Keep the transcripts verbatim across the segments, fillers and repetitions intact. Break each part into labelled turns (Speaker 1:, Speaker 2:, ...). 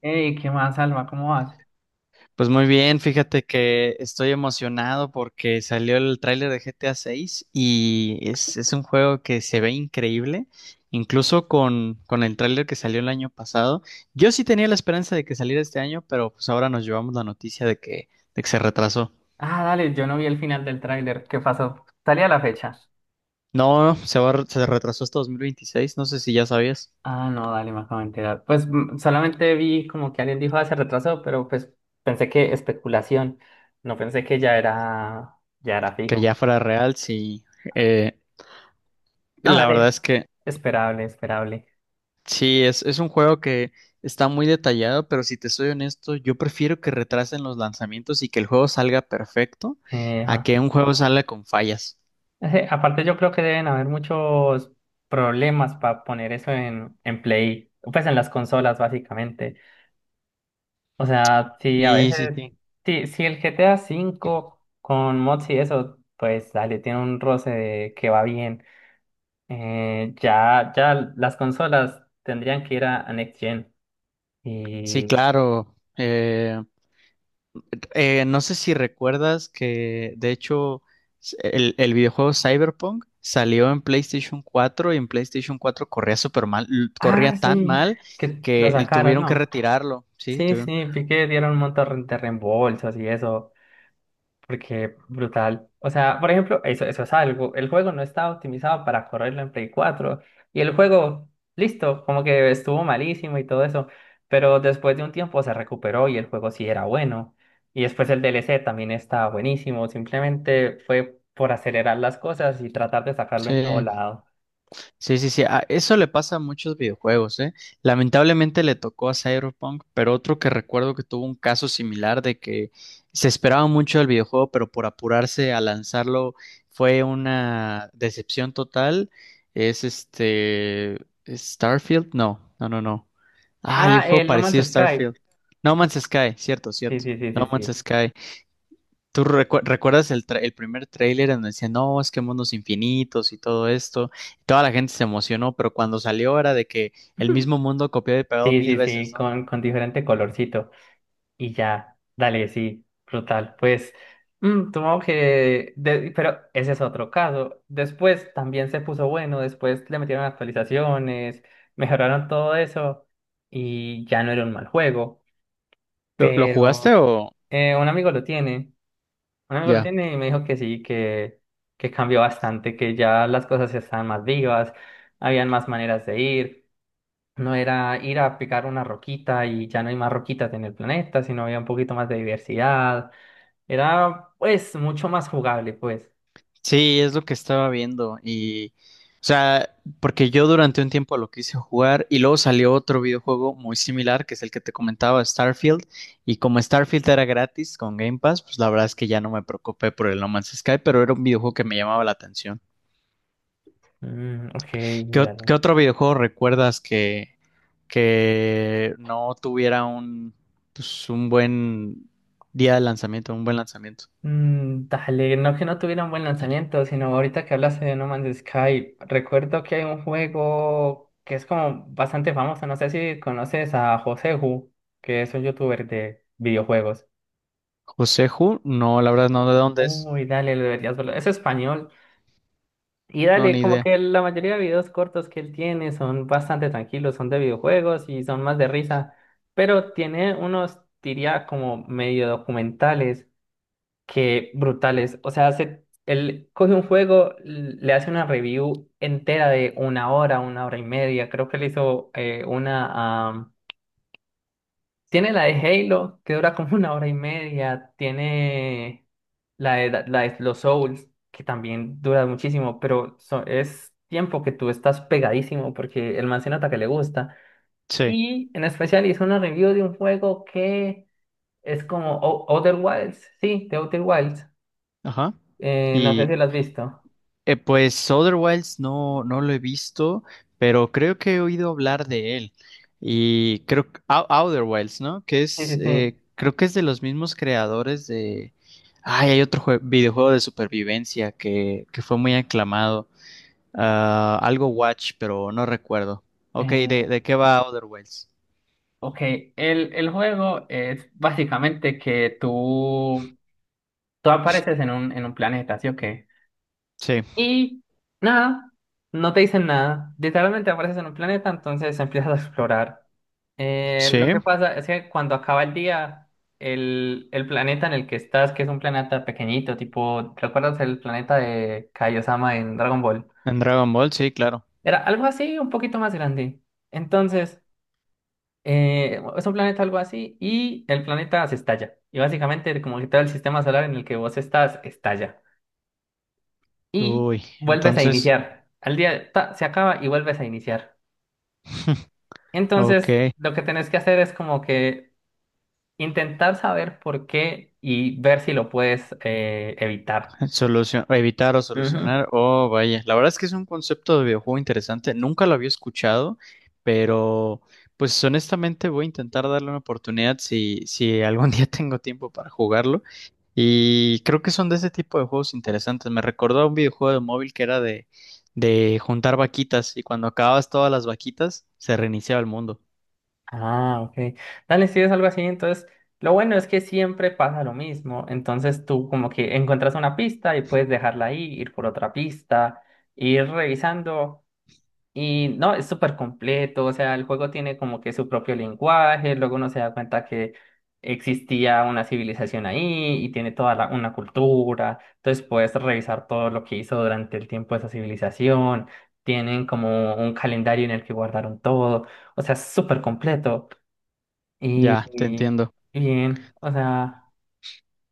Speaker 1: Ey, ¿qué más, Alma? ¿Cómo vas?
Speaker 2: Pues muy bien, fíjate que estoy emocionado porque salió el tráiler de G T A seis y es, es un juego que se ve increíble, incluso con, con el tráiler que salió el año pasado. Yo sí tenía la esperanza de que saliera este año, pero pues ahora nos llevamos la noticia de que, de que se retrasó.
Speaker 1: Ah, dale, yo no vi el final del tráiler. ¿Qué pasó? ¿Salía la fecha?
Speaker 2: No, se va, a re- se retrasó hasta dos mil veintiséis, no sé si ya sabías
Speaker 1: Ah, no, dale, me acabo de enterar. Pues mm, solamente vi como que alguien dijo, ah, se retrasó, pero pues pensé que especulación. No pensé que ya era, ya era
Speaker 2: que ya
Speaker 1: fijo.
Speaker 2: fuera real, sí. eh,
Speaker 1: No,
Speaker 2: la verdad
Speaker 1: dale,
Speaker 2: es que
Speaker 1: esperable, esperable.
Speaker 2: Sí, es, es un juego que está muy detallado, pero si te soy honesto, yo prefiero que retrasen los lanzamientos y que el juego salga perfecto
Speaker 1: Eh,
Speaker 2: a
Speaker 1: ajá.
Speaker 2: que un juego salga con fallas.
Speaker 1: Eh, aparte yo creo que deben haber muchos problemas para poner eso en, en, Play, pues en las consolas básicamente. O sea, sí, a
Speaker 2: Sí, sí,
Speaker 1: veces,
Speaker 2: sí.
Speaker 1: sí, si el G T A cinco con mods y eso, pues dale, tiene un roce de que va bien. Eh, ya, ya las consolas tendrían que ir a, a Next Gen.
Speaker 2: Sí,
Speaker 1: Y...
Speaker 2: claro. Eh, eh, no sé si recuerdas que, de hecho, s- el, el videojuego Cyberpunk salió en PlayStation cuatro y en PlayStation cuatro corría súper mal, l- corría
Speaker 1: Ah,
Speaker 2: tan
Speaker 1: sí,
Speaker 2: mal
Speaker 1: que lo
Speaker 2: que l-
Speaker 1: sacaron,
Speaker 2: tuvieron que
Speaker 1: ¿no?
Speaker 2: retirarlo. Sí,
Speaker 1: Sí,
Speaker 2: tuvieron.
Speaker 1: sí, vi que dieron un montón de reembolsos y eso. Porque brutal. O sea, por ejemplo, eso, eso es algo. El juego no estaba optimizado para correrlo en Play cuatro. Y el juego, listo, como que estuvo malísimo y todo eso. Pero después de un tiempo se recuperó y el juego sí era bueno. Y después el D L C también estaba buenísimo. Simplemente fue por acelerar las cosas y tratar de sacarlo en todo
Speaker 2: Sí.
Speaker 1: lado.
Speaker 2: Sí, sí, sí. A- eso le pasa a muchos videojuegos, ¿eh? Lamentablemente le tocó a Cyberpunk, pero otro que recuerdo que tuvo un caso similar de que se esperaba mucho del videojuego, pero por apurarse a lanzarlo fue una decepción total. Es este Starfield, no, no, no, no. Ah, hay un
Speaker 1: Ah,
Speaker 2: juego
Speaker 1: el No Man's
Speaker 2: parecido a
Speaker 1: Sky.
Speaker 2: Starfield. No Man's Sky, cierto,
Speaker 1: Sí,
Speaker 2: cierto.
Speaker 1: sí, sí, sí,
Speaker 2: No Man's
Speaker 1: sí.
Speaker 2: Sky. ¿Tú recu- recuerdas el, tra- el primer tráiler en donde decían, no, es que mundos infinitos y todo esto? Y toda la gente se emocionó, pero cuando salió era de que el mismo mundo copiado y pegado
Speaker 1: Sí,
Speaker 2: mil
Speaker 1: sí,
Speaker 2: veces,
Speaker 1: sí,
Speaker 2: ¿no?
Speaker 1: con, con diferente colorcito. Y ya, dale, sí, brutal. Pues, mm, supongo que, de- pero ese es otro caso. Después también se puso bueno, después le metieron actualizaciones, mejoraron todo eso y ya no era un mal juego.
Speaker 2: ¿Lo, lo jugaste
Speaker 1: Pero
Speaker 2: o
Speaker 1: eh, un amigo lo tiene, un amigo lo
Speaker 2: ya?
Speaker 1: tiene y me dijo que sí, que, que cambió bastante, que ya las cosas estaban más vivas, habían más maneras de ir. No era ir a picar una roquita y ya no hay más roquitas en el planeta, sino había un poquito más de diversidad. Era, pues, mucho más jugable, pues.
Speaker 2: Sí, es lo que estaba viendo y, o sea, porque yo durante un tiempo lo quise jugar y luego salió otro videojuego muy similar, que es el que te comentaba, Starfield, y como Starfield era gratis con Game Pass, pues la verdad es que ya no me preocupé por el No Man's Sky, pero era un videojuego que me llamaba la atención.
Speaker 1: Mm, ok,
Speaker 2: ¿Qué, ot-
Speaker 1: dale.
Speaker 2: qué otro videojuego recuerdas que, que no tuviera un, pues, un buen día de lanzamiento, un buen lanzamiento?
Speaker 1: Mm, dale, no que no tuviera un buen lanzamiento, sino ahorita que hablaste de No Man's Sky, recuerdo que hay un juego que es como bastante famoso, no sé si conoces a Joseju, que es un youtuber de videojuegos.
Speaker 2: Joseju, no, la verdad no, ¿de dónde es?
Speaker 1: Uy, dale, lo deberías verlo. Es español. Y
Speaker 2: No,
Speaker 1: dale,
Speaker 2: ni
Speaker 1: como
Speaker 2: idea.
Speaker 1: que la mayoría de videos cortos que él tiene son bastante tranquilos, son de videojuegos y son más de risa, pero tiene unos, diría, como medio documentales que brutales. O sea, hace, él coge un juego, l- le hace una review entera de una hora, una hora y media. Creo que le hizo eh, una tiene la de Halo, que dura como una hora y media. Tiene la de, la de, los Souls, que también dura muchísimo, pero so- es tiempo que tú estás pegadísimo porque el man se nota que le gusta.
Speaker 2: Sí,
Speaker 1: Y en especial hizo una review de un juego que es como O- Outer Wilds. Sí, de Outer Wilds.
Speaker 2: ajá.
Speaker 1: Eh, no sé
Speaker 2: Y,
Speaker 1: si lo has visto.
Speaker 2: Eh, pues Outer No, no lo he visto, pero creo que he oído hablar de él. Y creo que Ou- Outer Wilds, ¿no? Que
Speaker 1: Sí,
Speaker 2: es,
Speaker 1: sí, sí.
Speaker 2: eh, creo que es de los mismos creadores de... Ay, hay otro jue- videojuego de supervivencia que, que fue muy aclamado. Ah, algo Watch, pero no recuerdo. Ok, ¿de,
Speaker 1: Eh,
Speaker 2: de qué va Outer Wilds?
Speaker 1: ok, el, el juego es básicamente que tú, tú, apareces en un, en un planeta, ¿sí o qué?
Speaker 2: Sí,
Speaker 1: Y nada, no te dicen nada. Literalmente apareces en un planeta, entonces empiezas a explorar. Eh, lo que
Speaker 2: sí,
Speaker 1: pasa es que cuando acaba el día, el, el planeta en el que estás, que es un planeta pequeñito, tipo, ¿recuerdas el planeta de Kaiosama en Dragon Ball?
Speaker 2: en Dragon Ball, sí, claro.
Speaker 1: Era algo así, un poquito más grande. Entonces, eh, es un planeta algo así y el planeta se estalla. Y básicamente como que todo el sistema solar en el que vos estás estalla. Y
Speaker 2: Uy,
Speaker 1: vuelves a
Speaker 2: entonces,
Speaker 1: iniciar. Al día ta, se acaba y vuelves a iniciar. Entonces,
Speaker 2: ok.
Speaker 1: lo que tenés que hacer es como que intentar saber por qué y ver si lo puedes eh, evitar.
Speaker 2: Solución, evitar o
Speaker 1: Ujú.
Speaker 2: solucionar. Oh, vaya. La verdad es que es un concepto de videojuego interesante. Nunca lo había escuchado, pero pues honestamente voy a intentar darle una oportunidad si, si algún día tengo tiempo para jugarlo. Y creo que son de ese tipo de juegos interesantes. Me recordó a un videojuego de móvil que era de, de juntar vaquitas y cuando acababas todas las vaquitas se reiniciaba el mundo.
Speaker 1: Ah, ok. Dale, si es algo así, entonces lo bueno es que siempre pasa lo mismo. Entonces tú como que encuentras una pista y puedes dejarla ahí, ir por otra pista, ir revisando. Y no, es súper completo, o sea, el juego tiene como que su propio lenguaje, luego uno se da cuenta que existía una civilización ahí y tiene toda la- una cultura, entonces puedes revisar todo lo que hizo durante el tiempo esa civilización, tienen como un calendario en el que guardaron todo, o sea, es súper completo y,
Speaker 2: Ya, te entiendo.
Speaker 1: y bien, o sea,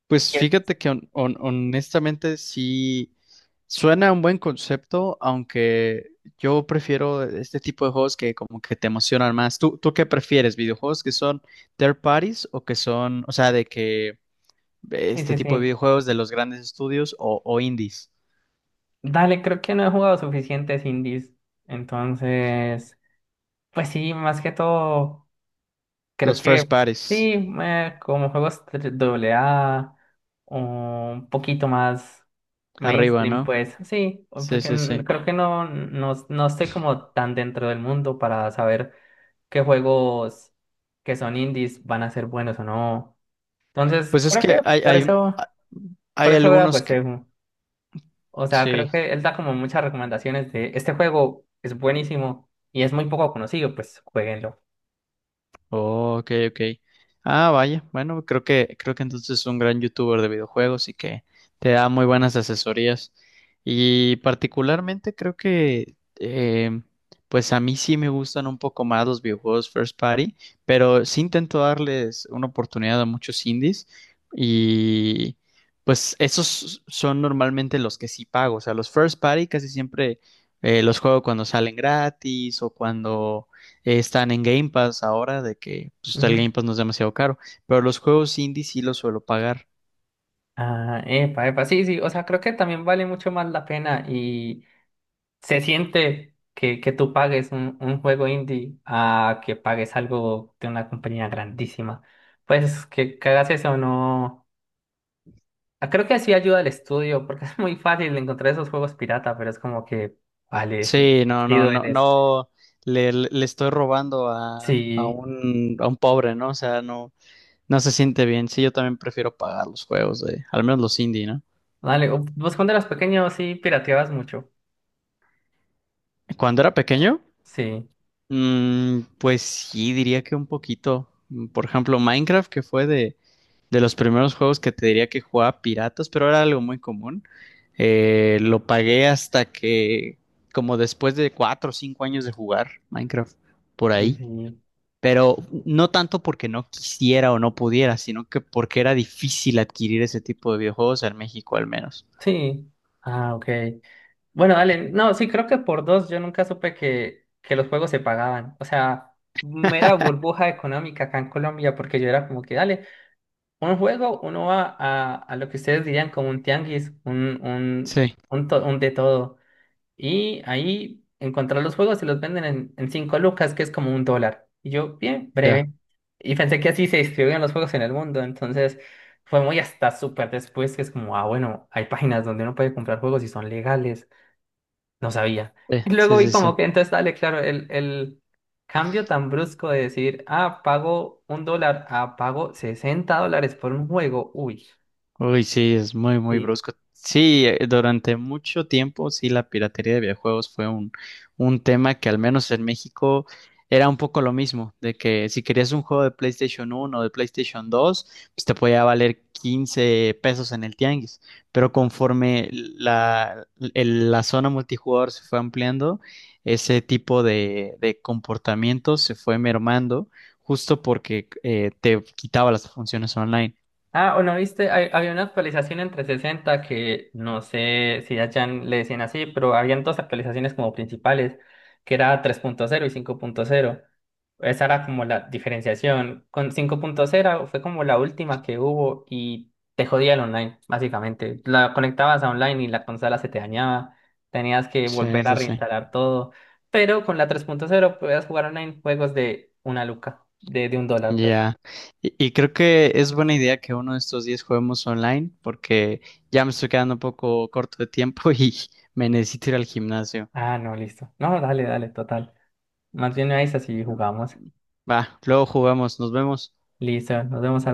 Speaker 2: Pues
Speaker 1: Yes.
Speaker 2: fíjate que hon- hon- honestamente sí suena un buen concepto, aunque yo prefiero e-, este tipo de juegos que como que te emocionan más. ¿Tú, tú qué prefieres? ¿Videojuegos que son third parties o que son, o sea, de que
Speaker 1: Sí,
Speaker 2: este
Speaker 1: sí,
Speaker 2: tipo de
Speaker 1: sí.
Speaker 2: videojuegos de los grandes estudios o, o indies?
Speaker 1: Dale, creo que no he jugado suficientes indies, entonces, pues sí, más que todo. Creo
Speaker 2: Los first
Speaker 1: que
Speaker 2: parties,
Speaker 1: sí, eh, como juegos doble A, un poquito más
Speaker 2: arriba,
Speaker 1: mainstream,
Speaker 2: ¿no?
Speaker 1: pues sí,
Speaker 2: Sí,
Speaker 1: porque
Speaker 2: sí, sí.
Speaker 1: n- creo que no, no, no estoy como tan dentro del mundo para saber qué juegos que son indies van a ser buenos o no. Entonces,
Speaker 2: Pues es
Speaker 1: creo que
Speaker 2: que hay,
Speaker 1: por
Speaker 2: hay,
Speaker 1: eso, por
Speaker 2: hay
Speaker 1: eso veo
Speaker 2: algunos
Speaker 1: pues
Speaker 2: que...
Speaker 1: Segu. O sea,
Speaker 2: Sí.
Speaker 1: creo que él da como muchas recomendaciones de este juego es buenísimo y es muy poco conocido, pues jueguenlo.
Speaker 2: Oh, ok, ok. Ah, vaya. Bueno, creo que, creo que entonces es un gran youtuber de videojuegos y que te da muy buenas asesorías. Y particularmente creo que eh, pues a mí sí me gustan un poco más los videojuegos first party, pero sí intento darles una oportunidad a muchos indies. Y pues esos son normalmente los que sí pago. O sea, los first party casi siempre eh, los juego cuando salen gratis o cuando eh, están en Game Pass ahora, de que pues, el Game Pass no es demasiado caro, pero los juegos indie sí los suelo pagar.
Speaker 1: Ah, epa, epa, sí, sí, o sea, creo que también vale mucho más la pena y se siente que, que, tú pagues un, un juego indie a que pagues algo de una compañía grandísima. Pues que, que hagas eso, no. Ah, creo que así ayuda al estudio, porque es muy fácil encontrar esos juegos pirata, pero es como que, vale, sí,
Speaker 2: Sí, no,
Speaker 1: sí
Speaker 2: no, no,
Speaker 1: duele. Sí,
Speaker 2: no le, le- le estoy robando a, a
Speaker 1: sí,
Speaker 2: un, a un pobre, ¿no? O sea, no, no se siente bien. Sí, yo también prefiero pagar los juegos de, al menos los indie, ¿no?
Speaker 1: vale, o- vos cuando eras pequeño sí pirateabas mucho.
Speaker 2: Cuando era pequeño,
Speaker 1: Sí,
Speaker 2: mm, pues sí, diría que un poquito. Mm, por ejemplo, Minecraft, que fue de de los primeros juegos que te diría que jugaba piratas, pero era algo muy común. Eh, lo pagué hasta que, como después de cuatro o cinco años de jugar Minecraft, por
Speaker 1: y
Speaker 2: ahí.
Speaker 1: sí,
Speaker 2: Pero no tanto porque no quisiera o no pudiera, sino que porque era difícil adquirir ese tipo de videojuegos en México al menos.
Speaker 1: sí. Ah, ok. Bueno, dale, no, sí, creo que por dos yo nunca supe que, que los juegos se pagaban. O sea, mera burbuja económica acá en Colombia, porque yo era como que, dale, un juego, uno va a, a, lo que ustedes dirían como un tianguis, un, un,
Speaker 2: Sí,
Speaker 1: un, to- un de todo. Y ahí encontrar los juegos y los venden en, en cinco lucas, que es como un dólar. Y yo, bien,
Speaker 2: ya.
Speaker 1: breve. Y pensé que así se distribuían los juegos en el mundo. Entonces fue muy hasta súper después que es como, ah, bueno, hay páginas donde uno puede comprar juegos y son legales. No sabía. Y luego
Speaker 2: Sí, sí,
Speaker 1: vi
Speaker 2: sí.
Speaker 1: como
Speaker 2: Sí.
Speaker 1: que entonces dale, claro, el, el cambio tan brusco de decir, ah, pago un dólar, ah, pago sesenta dólares por un juego. Uy,
Speaker 2: Uy, sí, es muy, muy
Speaker 1: sí.
Speaker 2: brusco. Sí, eh, durante mucho tiempo, sí, la piratería de videojuegos fue un, un tema que al menos en México era un poco lo mismo, de que si querías un juego de PlayStation uno o de PlayStation dos pues te podía valer quince pesos en el tianguis, pero conforme la, el- la zona multijugador se fue ampliando, ese tipo de, de comportamiento se fue mermando justo porque eh, te quitaba las funciones online.
Speaker 1: Ah, o no viste, Hay- había una actualización en trescientos sesenta que no sé si allá le decían así, pero habían dos actualizaciones como principales, que era tres punto cero y cinco punto cero. Esa era como la diferenciación. Con cinco punto cero fue como la última que hubo y te jodía el online, básicamente. La conectabas a online y la consola se te dañaba. Tenías que
Speaker 2: Sí,
Speaker 1: volver a
Speaker 2: sí, sí.
Speaker 1: reinstalar todo. Pero con la tres punto cero podías jugar online juegos de una luca, de, de, un dólar, perdón.
Speaker 2: Ya, Y, y creo que es buena idea que uno de estos días juguemos online porque ya me estoy quedando un poco corto de tiempo y me necesito ir al gimnasio.
Speaker 1: Ah, no, listo. No, dale, dale, total. Más bien me avisas y jugamos.
Speaker 2: Va, luego jugamos, nos vemos.
Speaker 1: Listo, nos vemos al